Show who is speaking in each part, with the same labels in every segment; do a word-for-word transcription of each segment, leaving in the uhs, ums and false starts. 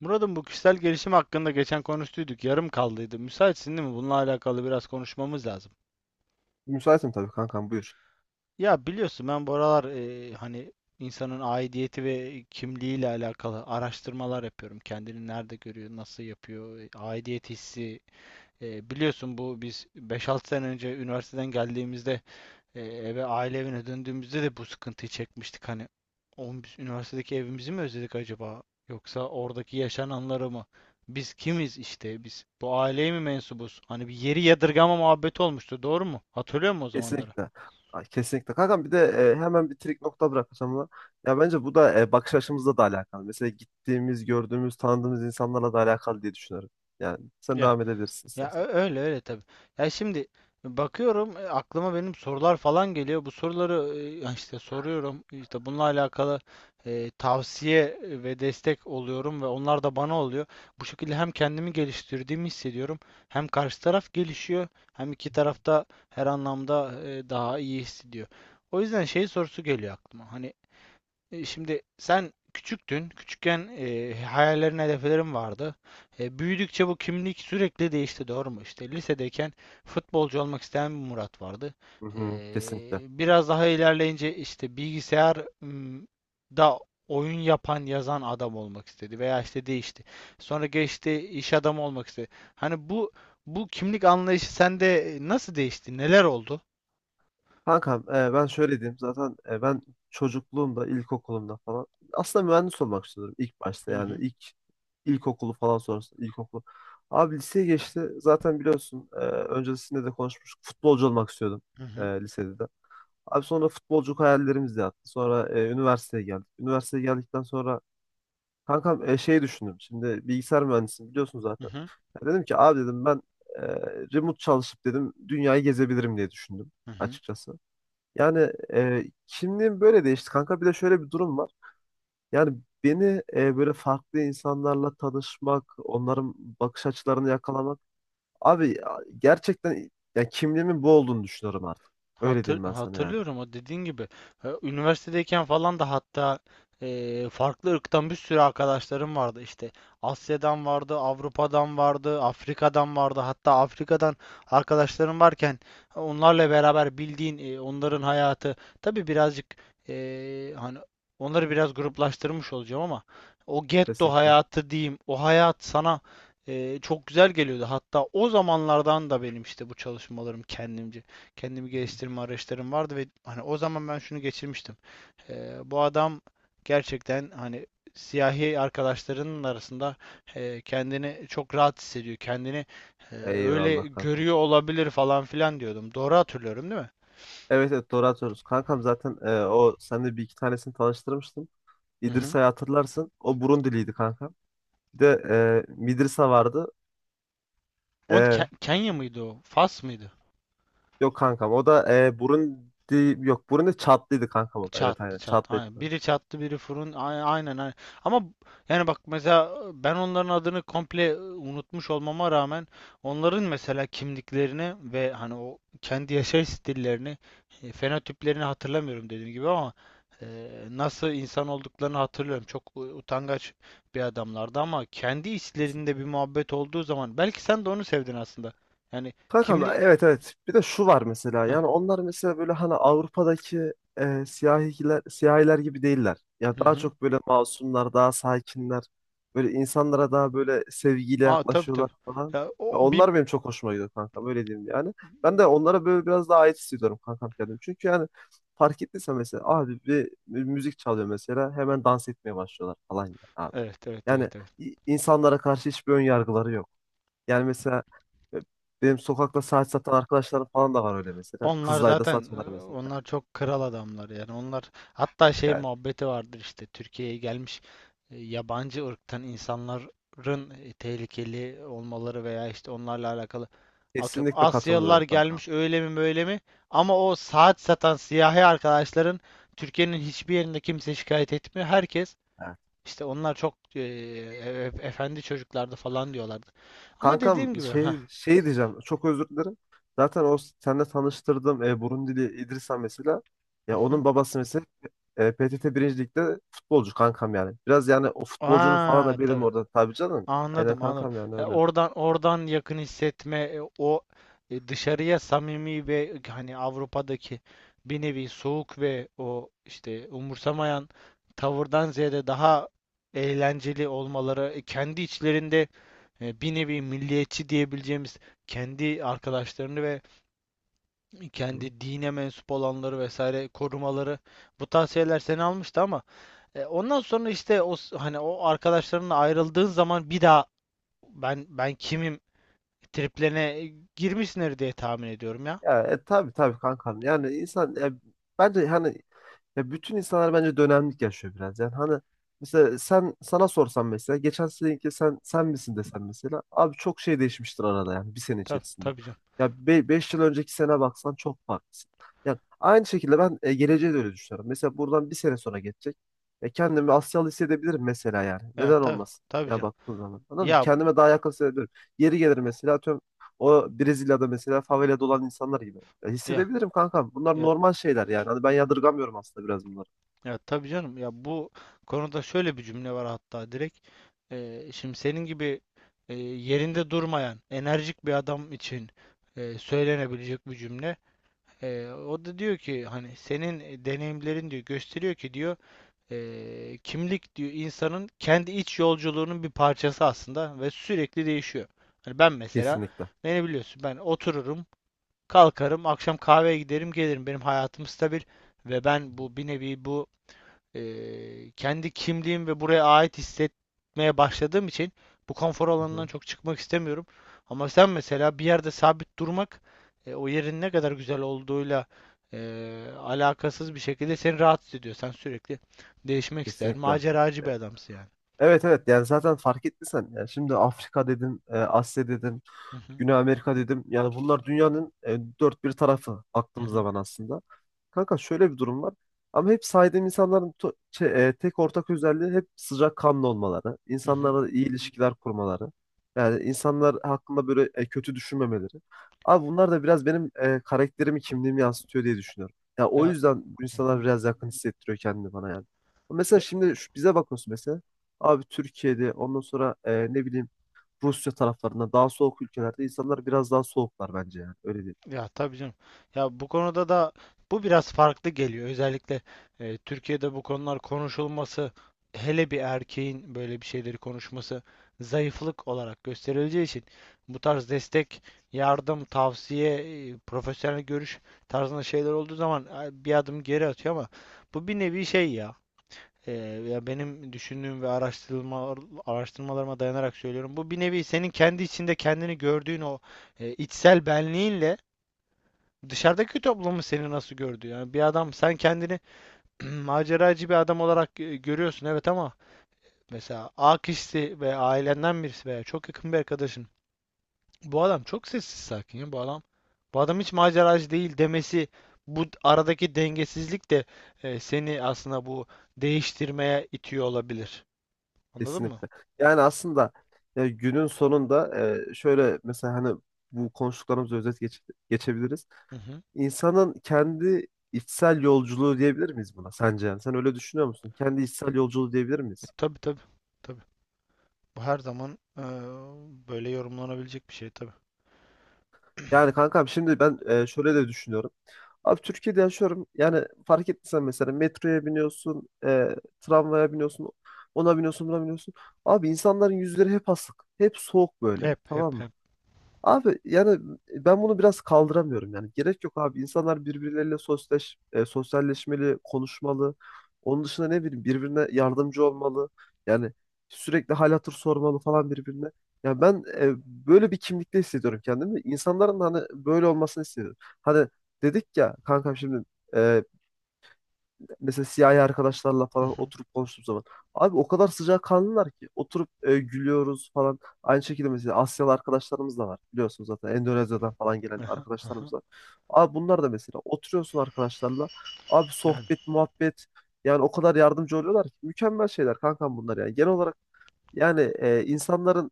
Speaker 1: Murat'ım, bu kişisel gelişim hakkında geçen konuştuyduk. Yarım kaldıydı. Müsaitsin değil mi? Bununla alakalı biraz konuşmamız lazım.
Speaker 2: Müsaitim tabii kankam buyur.
Speaker 1: Ya biliyorsun, ben bu aralar e, hani insanın aidiyeti ve kimliğiyle alakalı araştırmalar yapıyorum. Kendini nerede görüyor, nasıl yapıyor, e, aidiyet hissi. E, biliyorsun bu biz beş altı sene önce üniversiteden geldiğimizde, E, eve, aile evine döndüğümüzde de bu sıkıntıyı çekmiştik hani. Oğlum, biz üniversitedeki evimizi mi özledik acaba? Yoksa oradaki yaşananları mı? Biz kimiz işte biz? Bu aileye mi mensubuz? Hani bir yeri yadırgama muhabbeti olmuştu, doğru mu? Hatırlıyor musun o zamanları?
Speaker 2: Kesinlikle. Ay, kesinlikle. Kankam bir de e, hemen bir trik nokta bırakacağım ama ya bence bu da e, bakış açımızla da alakalı. Mesela gittiğimiz, gördüğümüz, tanıdığımız insanlarla da alakalı diye düşünüyorum. Yani sen devam edebilirsin
Speaker 1: Ya
Speaker 2: istersen.
Speaker 1: ö- öyle öyle tabii. Ya şimdi, e, bakıyorum, e, aklıma benim sorular falan geliyor. Bu soruları e, ya işte soruyorum. İşte bununla alakalı e, tavsiye e, ve destek oluyorum ve onlar da bana oluyor. Bu şekilde hem kendimi geliştirdiğimi hissediyorum, hem karşı taraf gelişiyor, hem iki taraf da her anlamda e, daha iyi hissediyor. O yüzden şey sorusu geliyor aklıma. Hani e, şimdi sen küçüktün. Küçükken e, hayallerin, hedeflerin vardı. E, büyüdükçe bu kimlik sürekli değişti, doğru mu? İşte lisedeyken futbolcu olmak isteyen bir Murat vardı.
Speaker 2: Hı
Speaker 1: E,
Speaker 2: hı, kesinlikle.
Speaker 1: Biraz daha ilerleyince işte bilgisayar m, da oyun yapan, yazan adam olmak istedi veya işte değişti. Sonra geçti, iş adamı olmak istedi. Hani bu bu kimlik anlayışı sende e, nasıl değişti? Neler oldu?
Speaker 2: Kankam e, ben şöyle diyeyim zaten e, ben çocukluğumda, ilkokulumda falan aslında mühendis olmak istiyordum ilk
Speaker 1: Hı
Speaker 2: başta, yani
Speaker 1: hı,
Speaker 2: ilk ilkokulu falan sonrasında ilkokulu. Abi liseye geçti, zaten biliyorsun, e, öncesinde de konuşmuştuk, futbolcu olmak istiyordum
Speaker 1: hı
Speaker 2: e,
Speaker 1: hı,
Speaker 2: lisede de. Abi sonra futbolculuk hayallerimiz de yattı. Sonra e, üniversiteye geldik. Üniversiteye geldikten sonra kankam e, şey düşündüm. Şimdi bilgisayar mühendisiyim biliyorsun
Speaker 1: hı
Speaker 2: zaten.
Speaker 1: hı,
Speaker 2: Ya dedim ki abi, dedim ben e, remote çalışıp dedim dünyayı gezebilirim diye düşündüm
Speaker 1: hı hı.
Speaker 2: açıkçası. Yani e, kimliğim böyle değişti kanka. Bir de şöyle bir durum var. Yani beni e, böyle farklı insanlarla tanışmak, onların bakış açılarını yakalamak. Abi ya, gerçekten ya kimliğimin bu olduğunu düşünüyorum artık. Öyle
Speaker 1: Hatır,
Speaker 2: diyeyim ben sana yani.
Speaker 1: hatırlıyorum o dediğin gibi. E, Üniversitedeyken falan da, hatta, e, farklı ırktan bir sürü arkadaşlarım vardı işte. Asya'dan vardı, Avrupa'dan vardı, Afrika'dan vardı. Hatta Afrika'dan arkadaşlarım varken onlarla beraber bildiğin, e, onların hayatı tabii birazcık, e, hani onları biraz gruplaştırmış olacağım ama o getto
Speaker 2: Kesinlikle.
Speaker 1: hayatı diyeyim, o hayat sana e, çok güzel geliyordu. Hatta o zamanlardan da benim işte bu çalışmalarım, kendimce kendimi geliştirme araçlarım vardı ve hani o zaman ben şunu geçirmiştim. Ee, bu adam gerçekten hani siyahi arkadaşlarının arasında e, kendini çok rahat hissediyor. Kendini e, öyle
Speaker 2: Eyvallah kankam.
Speaker 1: görüyor olabilir falan filan diyordum. Doğru hatırlıyorum değil mi?
Speaker 2: Evet, evet, doğru atıyoruz. Kankam zaten e, o, sen de bir iki tanesini tanıştırmıştım.
Speaker 1: Hı hı.
Speaker 2: İdrisa'yı hatırlarsın. O Burundiliydi kankam. Bir de e, Midrisa vardı.
Speaker 1: O Ke-
Speaker 2: E,
Speaker 1: Kenya mıydı o? Fas mıydı?
Speaker 2: Yok kankam, o da e, Burundi, yok Burundi Çatlıydı kankam o da. Evet,
Speaker 1: Çattı
Speaker 2: aynen
Speaker 1: çattı.
Speaker 2: Çatlıydı.
Speaker 1: Aynen. Biri çattı biri fırın. Ay- Aynen aynen. Ama yani bak, mesela ben onların adını komple e, unutmuş olmama rağmen onların mesela kimliklerini ve hani o kendi yaşayış stillerini, e, fenotiplerini hatırlamıyorum, dediğim gibi, ama e, nasıl insan olduklarını hatırlıyorum. Çok u- utangaç bir adamlardı ama kendi içlerinde bir muhabbet olduğu zaman belki sen de onu sevdin aslında. Yani
Speaker 2: Kankam
Speaker 1: kimlik.
Speaker 2: evet, evet. Bir de şu var mesela.
Speaker 1: Heh,
Speaker 2: Yani onlar mesela böyle hani Avrupa'daki e, siyahiler, siyahiler gibi değiller. Ya
Speaker 1: hı
Speaker 2: daha
Speaker 1: hı.
Speaker 2: çok böyle masumlar, daha sakinler. Böyle insanlara daha böyle sevgiyle
Speaker 1: Aa tabii tabii.
Speaker 2: yaklaşıyorlar falan.
Speaker 1: Ya o
Speaker 2: Ya
Speaker 1: bir,
Speaker 2: onlar benim çok hoşuma gidiyor kankam. Öyle diyeyim yani. Ben de onlara böyle biraz daha ait hissediyorum kankam kendim. Çünkü yani fark ettiysen mesela abi bir mü- müzik çalıyor mesela. Hemen dans etmeye başlıyorlar falan yani abi.
Speaker 1: evet evet
Speaker 2: Yani
Speaker 1: evet evet.
Speaker 2: i- insanlara karşı hiçbir ön yargıları yok. Yani mesela e, benim sokakta saat satan arkadaşlarım falan da var öyle mesela.
Speaker 1: Onlar
Speaker 2: Kızılay'da
Speaker 1: zaten,
Speaker 2: satıyorlar
Speaker 1: e,
Speaker 2: mesela.
Speaker 1: onlar çok kral adamlar yani. Onlar, hatta şey
Speaker 2: Yani
Speaker 1: muhabbeti vardır, işte Türkiye'ye gelmiş e, yabancı ırktan insanların e, tehlikeli olmaları veya işte onlarla alakalı, atıyorum
Speaker 2: kesinlikle
Speaker 1: Asyalılar
Speaker 2: katılmıyorum kankam.
Speaker 1: gelmiş öyle mi böyle mi, ama o saat satan siyahi arkadaşların Türkiye'nin hiçbir yerinde kimse şikayet etmiyor. Herkes
Speaker 2: Evet.
Speaker 1: işte onlar çok e, e- e, efendi çocuklardı falan diyorlardı, ama
Speaker 2: Kankam
Speaker 1: dediğim gibi ha.
Speaker 2: şey, şey diyeceğim, çok özür dilerim. Zaten o seninle tanıştırdığım e, Burundili İdrisa mesela. Ya onun babası mesela e, P T T Birinci Lig'de futbolcu kankam yani. Biraz yani o futbolcunun falan
Speaker 1: Aa
Speaker 2: da benim
Speaker 1: tabii.
Speaker 2: orada tabii canım. Aynen
Speaker 1: Anladım, anladım.
Speaker 2: kankam yani
Speaker 1: E,
Speaker 2: öyle.
Speaker 1: oradan, oradan yakın hissetme, e, o e, dışarıya samimi ve e, hani Avrupa'daki bir nevi soğuk ve o işte umursamayan tavırdan ziyade daha eğlenceli olmaları, e, kendi içlerinde e, bir nevi milliyetçi diyebileceğimiz kendi arkadaşlarını ve
Speaker 2: Hı.
Speaker 1: kendi dine mensup olanları vesaire korumaları, bu tavsiyeler seni almıştı, ama e, ondan sonra işte o s- hani o arkadaşlarınla ayrıldığın zaman bir daha ben ben kimim triplerine girmişsindir diye tahmin ediyorum ya.
Speaker 2: Ya e, tabii, tabii kankam. Yani insan e, bence hani ya bütün insanlar bence dönemlik yaşıyor biraz. Yani hani mesela sen, sana sorsam mesela geçen seneki sen sen misin desen mesela, abi çok şey değişmiştir arada yani bir sene
Speaker 1: Tabii,
Speaker 2: içerisinde.
Speaker 1: tabii canım.
Speaker 2: Ya be beş yıl önceki sene baksan çok farklısın. Yani aynı şekilde ben e, geleceğe de öyle düşünüyorum. Mesela buradan bir sene sonra geçecek. E, kendimi Asyalı hissedebilirim mesela yani.
Speaker 1: Ya
Speaker 2: Neden
Speaker 1: tabii
Speaker 2: olmasın?
Speaker 1: tabii
Speaker 2: Ya
Speaker 1: canım.
Speaker 2: baktığın zaman. Anladın mı?
Speaker 1: Ya
Speaker 2: Kendime daha yakın hissedebilirim. Yeri gelir mesela atıyorum o Brezilya'da mesela favelada olan insanlar gibi. Ya
Speaker 1: ya
Speaker 2: hissedebilirim kankam. Bunlar
Speaker 1: ya
Speaker 2: normal şeyler yani. Hani ben yadırgamıyorum aslında biraz bunları.
Speaker 1: ya tabii canım. Ya bu konuda şöyle bir cümle var, hatta direkt. Ee, şimdi senin gibi e, yerinde durmayan enerjik bir adam için e, söylenebilecek bir cümle. Ee, o da diyor ki, hani senin deneyimlerin, diyor, gösteriyor ki, diyor, Eee, kimlik, diyor, insanın kendi iç yolculuğunun bir parçası aslında ve sürekli değişiyor. Hani ben mesela,
Speaker 2: Kesinlikle.
Speaker 1: beni biliyorsun, ben otururum, kalkarım, akşam kahveye giderim, gelirim. Benim hayatım stabil ve ben bu, bir nevi bu e, kendi kimliğim ve buraya ait hissetmeye başladığım için bu konfor
Speaker 2: Hı
Speaker 1: alanından
Speaker 2: hı.
Speaker 1: çok çıkmak istemiyorum. Ama sen mesela bir yerde sabit durmak, e, o yerin ne kadar güzel olduğuyla e, alakasız bir şekilde seni rahatsız ediyor. Sen sürekli değişmek ister.
Speaker 2: Kesinlikle.
Speaker 1: Maceracı bir
Speaker 2: E,
Speaker 1: adamsın yani.
Speaker 2: Evet, evet, yani zaten fark ettiysen yani şimdi Afrika dedim, e, Asya dedim,
Speaker 1: Hı hı,
Speaker 2: Güney Amerika dedim. Yani bunlar dünyanın e, dört bir tarafı
Speaker 1: hı
Speaker 2: baktığımız
Speaker 1: hı,
Speaker 2: zaman aslında. Kanka şöyle bir durum var. Ama hep saydığım insanların to- şey, e, tek ortak özelliği hep sıcakkanlı olmaları,
Speaker 1: hı hı.
Speaker 2: insanlarla iyi ilişkiler kurmaları. Yani insanlar hakkında böyle e, kötü düşünmemeleri. Abi bunlar da biraz benim e, karakterimi, kimliğimi yansıtıyor diye düşünüyorum. Ya o
Speaker 1: Ya,
Speaker 2: yüzden bu
Speaker 1: hı hı.
Speaker 2: insanlar biraz yakın hissettiriyor kendini bana yani. Mesela şimdi şu, bize bakıyorsun mesela. Abi Türkiye'de, ondan sonra e, ne bileyim Rusya taraflarında, daha soğuk ülkelerde insanlar biraz daha soğuklar bence yani. Öyle değil.
Speaker 1: Ya tabii canım. Ya bu konuda da bu biraz farklı geliyor. Özellikle e, Türkiye'de bu konular konuşulması, hele bir erkeğin böyle bir şeyleri konuşması zayıflık olarak gösterileceği için bu tarz destek, yardım, tavsiye, e, profesyonel görüş tarzında şeyler olduğu zaman e, bir adım geri atıyor, ama bu bir nevi şey ya. E, Ya benim düşündüğüm ve araştırma araştırmalarıma dayanarak söylüyorum. Bu bir nevi senin kendi içinde kendini gördüğün o e, içsel benliğinle dışarıdaki toplumun seni nasıl gördü? Yani bir adam, sen kendini maceracı bir adam olarak e, görüyorsun, evet, ama mesela A kişisi ve ailenden birisi veya çok yakın bir arkadaşın, bu adam çok sessiz sakin, ya bu adam, bu adam hiç maceracı değil demesi, bu aradaki dengesizlik de e, seni aslında bu değiştirmeye itiyor olabilir. Anladın mı?
Speaker 2: Kesinlikle. Yani aslında e, günün sonunda e, şöyle mesela hani bu konuştuklarımızı özet geç- geçebiliriz.
Speaker 1: Hı hı.
Speaker 2: İnsanın kendi içsel yolculuğu diyebilir miyiz buna sence? Yani sen öyle düşünüyor musun? Kendi içsel yolculuğu diyebilir
Speaker 1: E,
Speaker 2: miyiz?
Speaker 1: tabii tabii. Tabii. Bu her zaman e, böyle yorumlanabilecek bir şey tabii.
Speaker 2: Yani kankam şimdi ben e, şöyle de düşünüyorum. Abi Türkiye'de yaşıyorum. Yani fark ettiysen mesela metroya biniyorsun, e, tramvaya biniyorsun, ona biniyorsun, buna biniyorsun. Abi insanların yüzleri hep asık, hep soğuk böyle.
Speaker 1: Hep hep
Speaker 2: Tamam mı?
Speaker 1: hep.
Speaker 2: Abi yani ben bunu biraz kaldıramıyorum yani. Gerek yok abi. İnsanlar birbirleriyle sosyaleş, e, sosyalleşmeli, konuşmalı. Onun dışında ne bileyim birbirine yardımcı olmalı. Yani sürekli hal hatır sormalı falan birbirine. Yani ben e, böyle bir kimlikte hissediyorum kendimi. İnsanların da hani böyle olmasını istiyorum. Hani dedik ya kankam şimdi e, mesela siyahi arkadaşlarla
Speaker 1: Hı
Speaker 2: falan
Speaker 1: hı.
Speaker 2: oturup konuştuğum zaman abi o kadar sıcakkanlılar ki, oturup e, gülüyoruz falan. Aynı şekilde mesela Asyalı arkadaşlarımız da var. Biliyorsunuz zaten Endonezya'dan falan gelen
Speaker 1: Aha, aha.
Speaker 2: arkadaşlarımız var. Abi bunlar da mesela oturuyorsun arkadaşlarla. Abi
Speaker 1: Yani,
Speaker 2: sohbet, muhabbet yani o kadar yardımcı oluyorlar ki, mükemmel şeyler kankam bunlar yani. Genel olarak yani e, insanların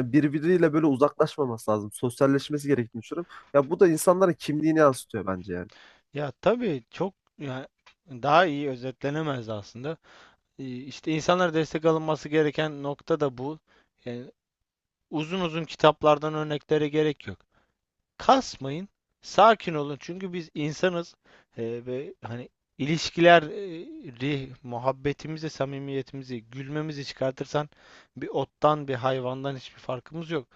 Speaker 2: birbiriyle böyle uzaklaşmaması lazım. Sosyalleşmesi gerektiğini düşünüyorum. Ya bu da insanların kimliğini yansıtıyor bence yani.
Speaker 1: ya tabii, çok, yani daha iyi özetlenemez aslında. Ee, İşte insanlara destek alınması gereken nokta da bu. Yani uzun uzun kitaplardan örneklere gerek yok. Kasmayın, sakin olun, çünkü biz insanız. Ee, ve hani ilişkileri, muhabbetimizi, samimiyetimizi, gülmemizi çıkartırsan bir ottan, bir hayvandan hiçbir farkımız yok.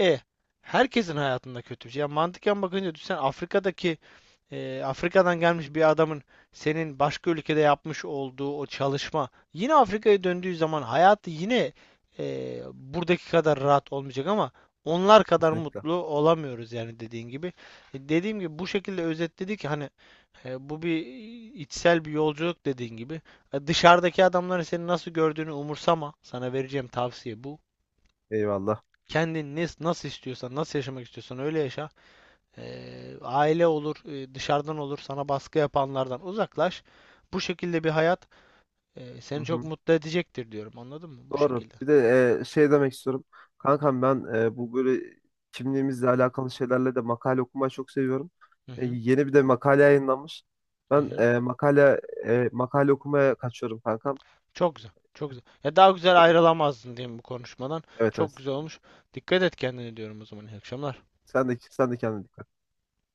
Speaker 1: E, Herkesin hayatında kötü bir şey. Ya mantıken bakınca düşünsen, Afrika'daki, e, Afrika'dan gelmiş bir adamın senin başka ülkede yapmış olduğu o çalışma, yine Afrika'ya döndüğü zaman hayatı yine e, buradaki kadar rahat olmayacak, ama onlar kadar
Speaker 2: Kesinlikle.
Speaker 1: mutlu olamıyoruz yani, dediğin gibi. E, Dediğim gibi bu şekilde özetledik ki hani e, bu bir içsel bir yolculuk, dediğin gibi. E, Dışarıdaki adamların seni nasıl gördüğünü umursama. Sana vereceğim tavsiye bu.
Speaker 2: Eyvallah.
Speaker 1: Kendin ne, nasıl istiyorsan, nasıl yaşamak istiyorsan öyle yaşa. Eee, aile olur, e, dışarıdan olur, sana baskı yapanlardan uzaklaş. Bu şekilde bir hayat e,
Speaker 2: Hı
Speaker 1: seni çok
Speaker 2: hı.
Speaker 1: mutlu edecektir, diyorum. Anladın mı? Bu
Speaker 2: Doğru.
Speaker 1: şekilde.
Speaker 2: Bir de e, şey demek istiyorum. Kankam ben e, bu böyle kimliğimizle alakalı şeylerle de makale okumayı çok seviyorum.
Speaker 1: Hı
Speaker 2: E,
Speaker 1: hı,
Speaker 2: yeni bir de makale yayınlanmış.
Speaker 1: hı
Speaker 2: Ben
Speaker 1: hı.
Speaker 2: e, makale e, makale okumaya kaçıyorum kankam.
Speaker 1: Çok güzel, çok güzel. Ya daha güzel ayrılamazdın, diyeyim, bu konuşmadan.
Speaker 2: Evet,
Speaker 1: Çok
Speaker 2: evet.
Speaker 1: güzel olmuş. Dikkat et kendine, diyorum o zaman. İyi akşamlar.
Speaker 2: Sen de sen de kendine dikkat et.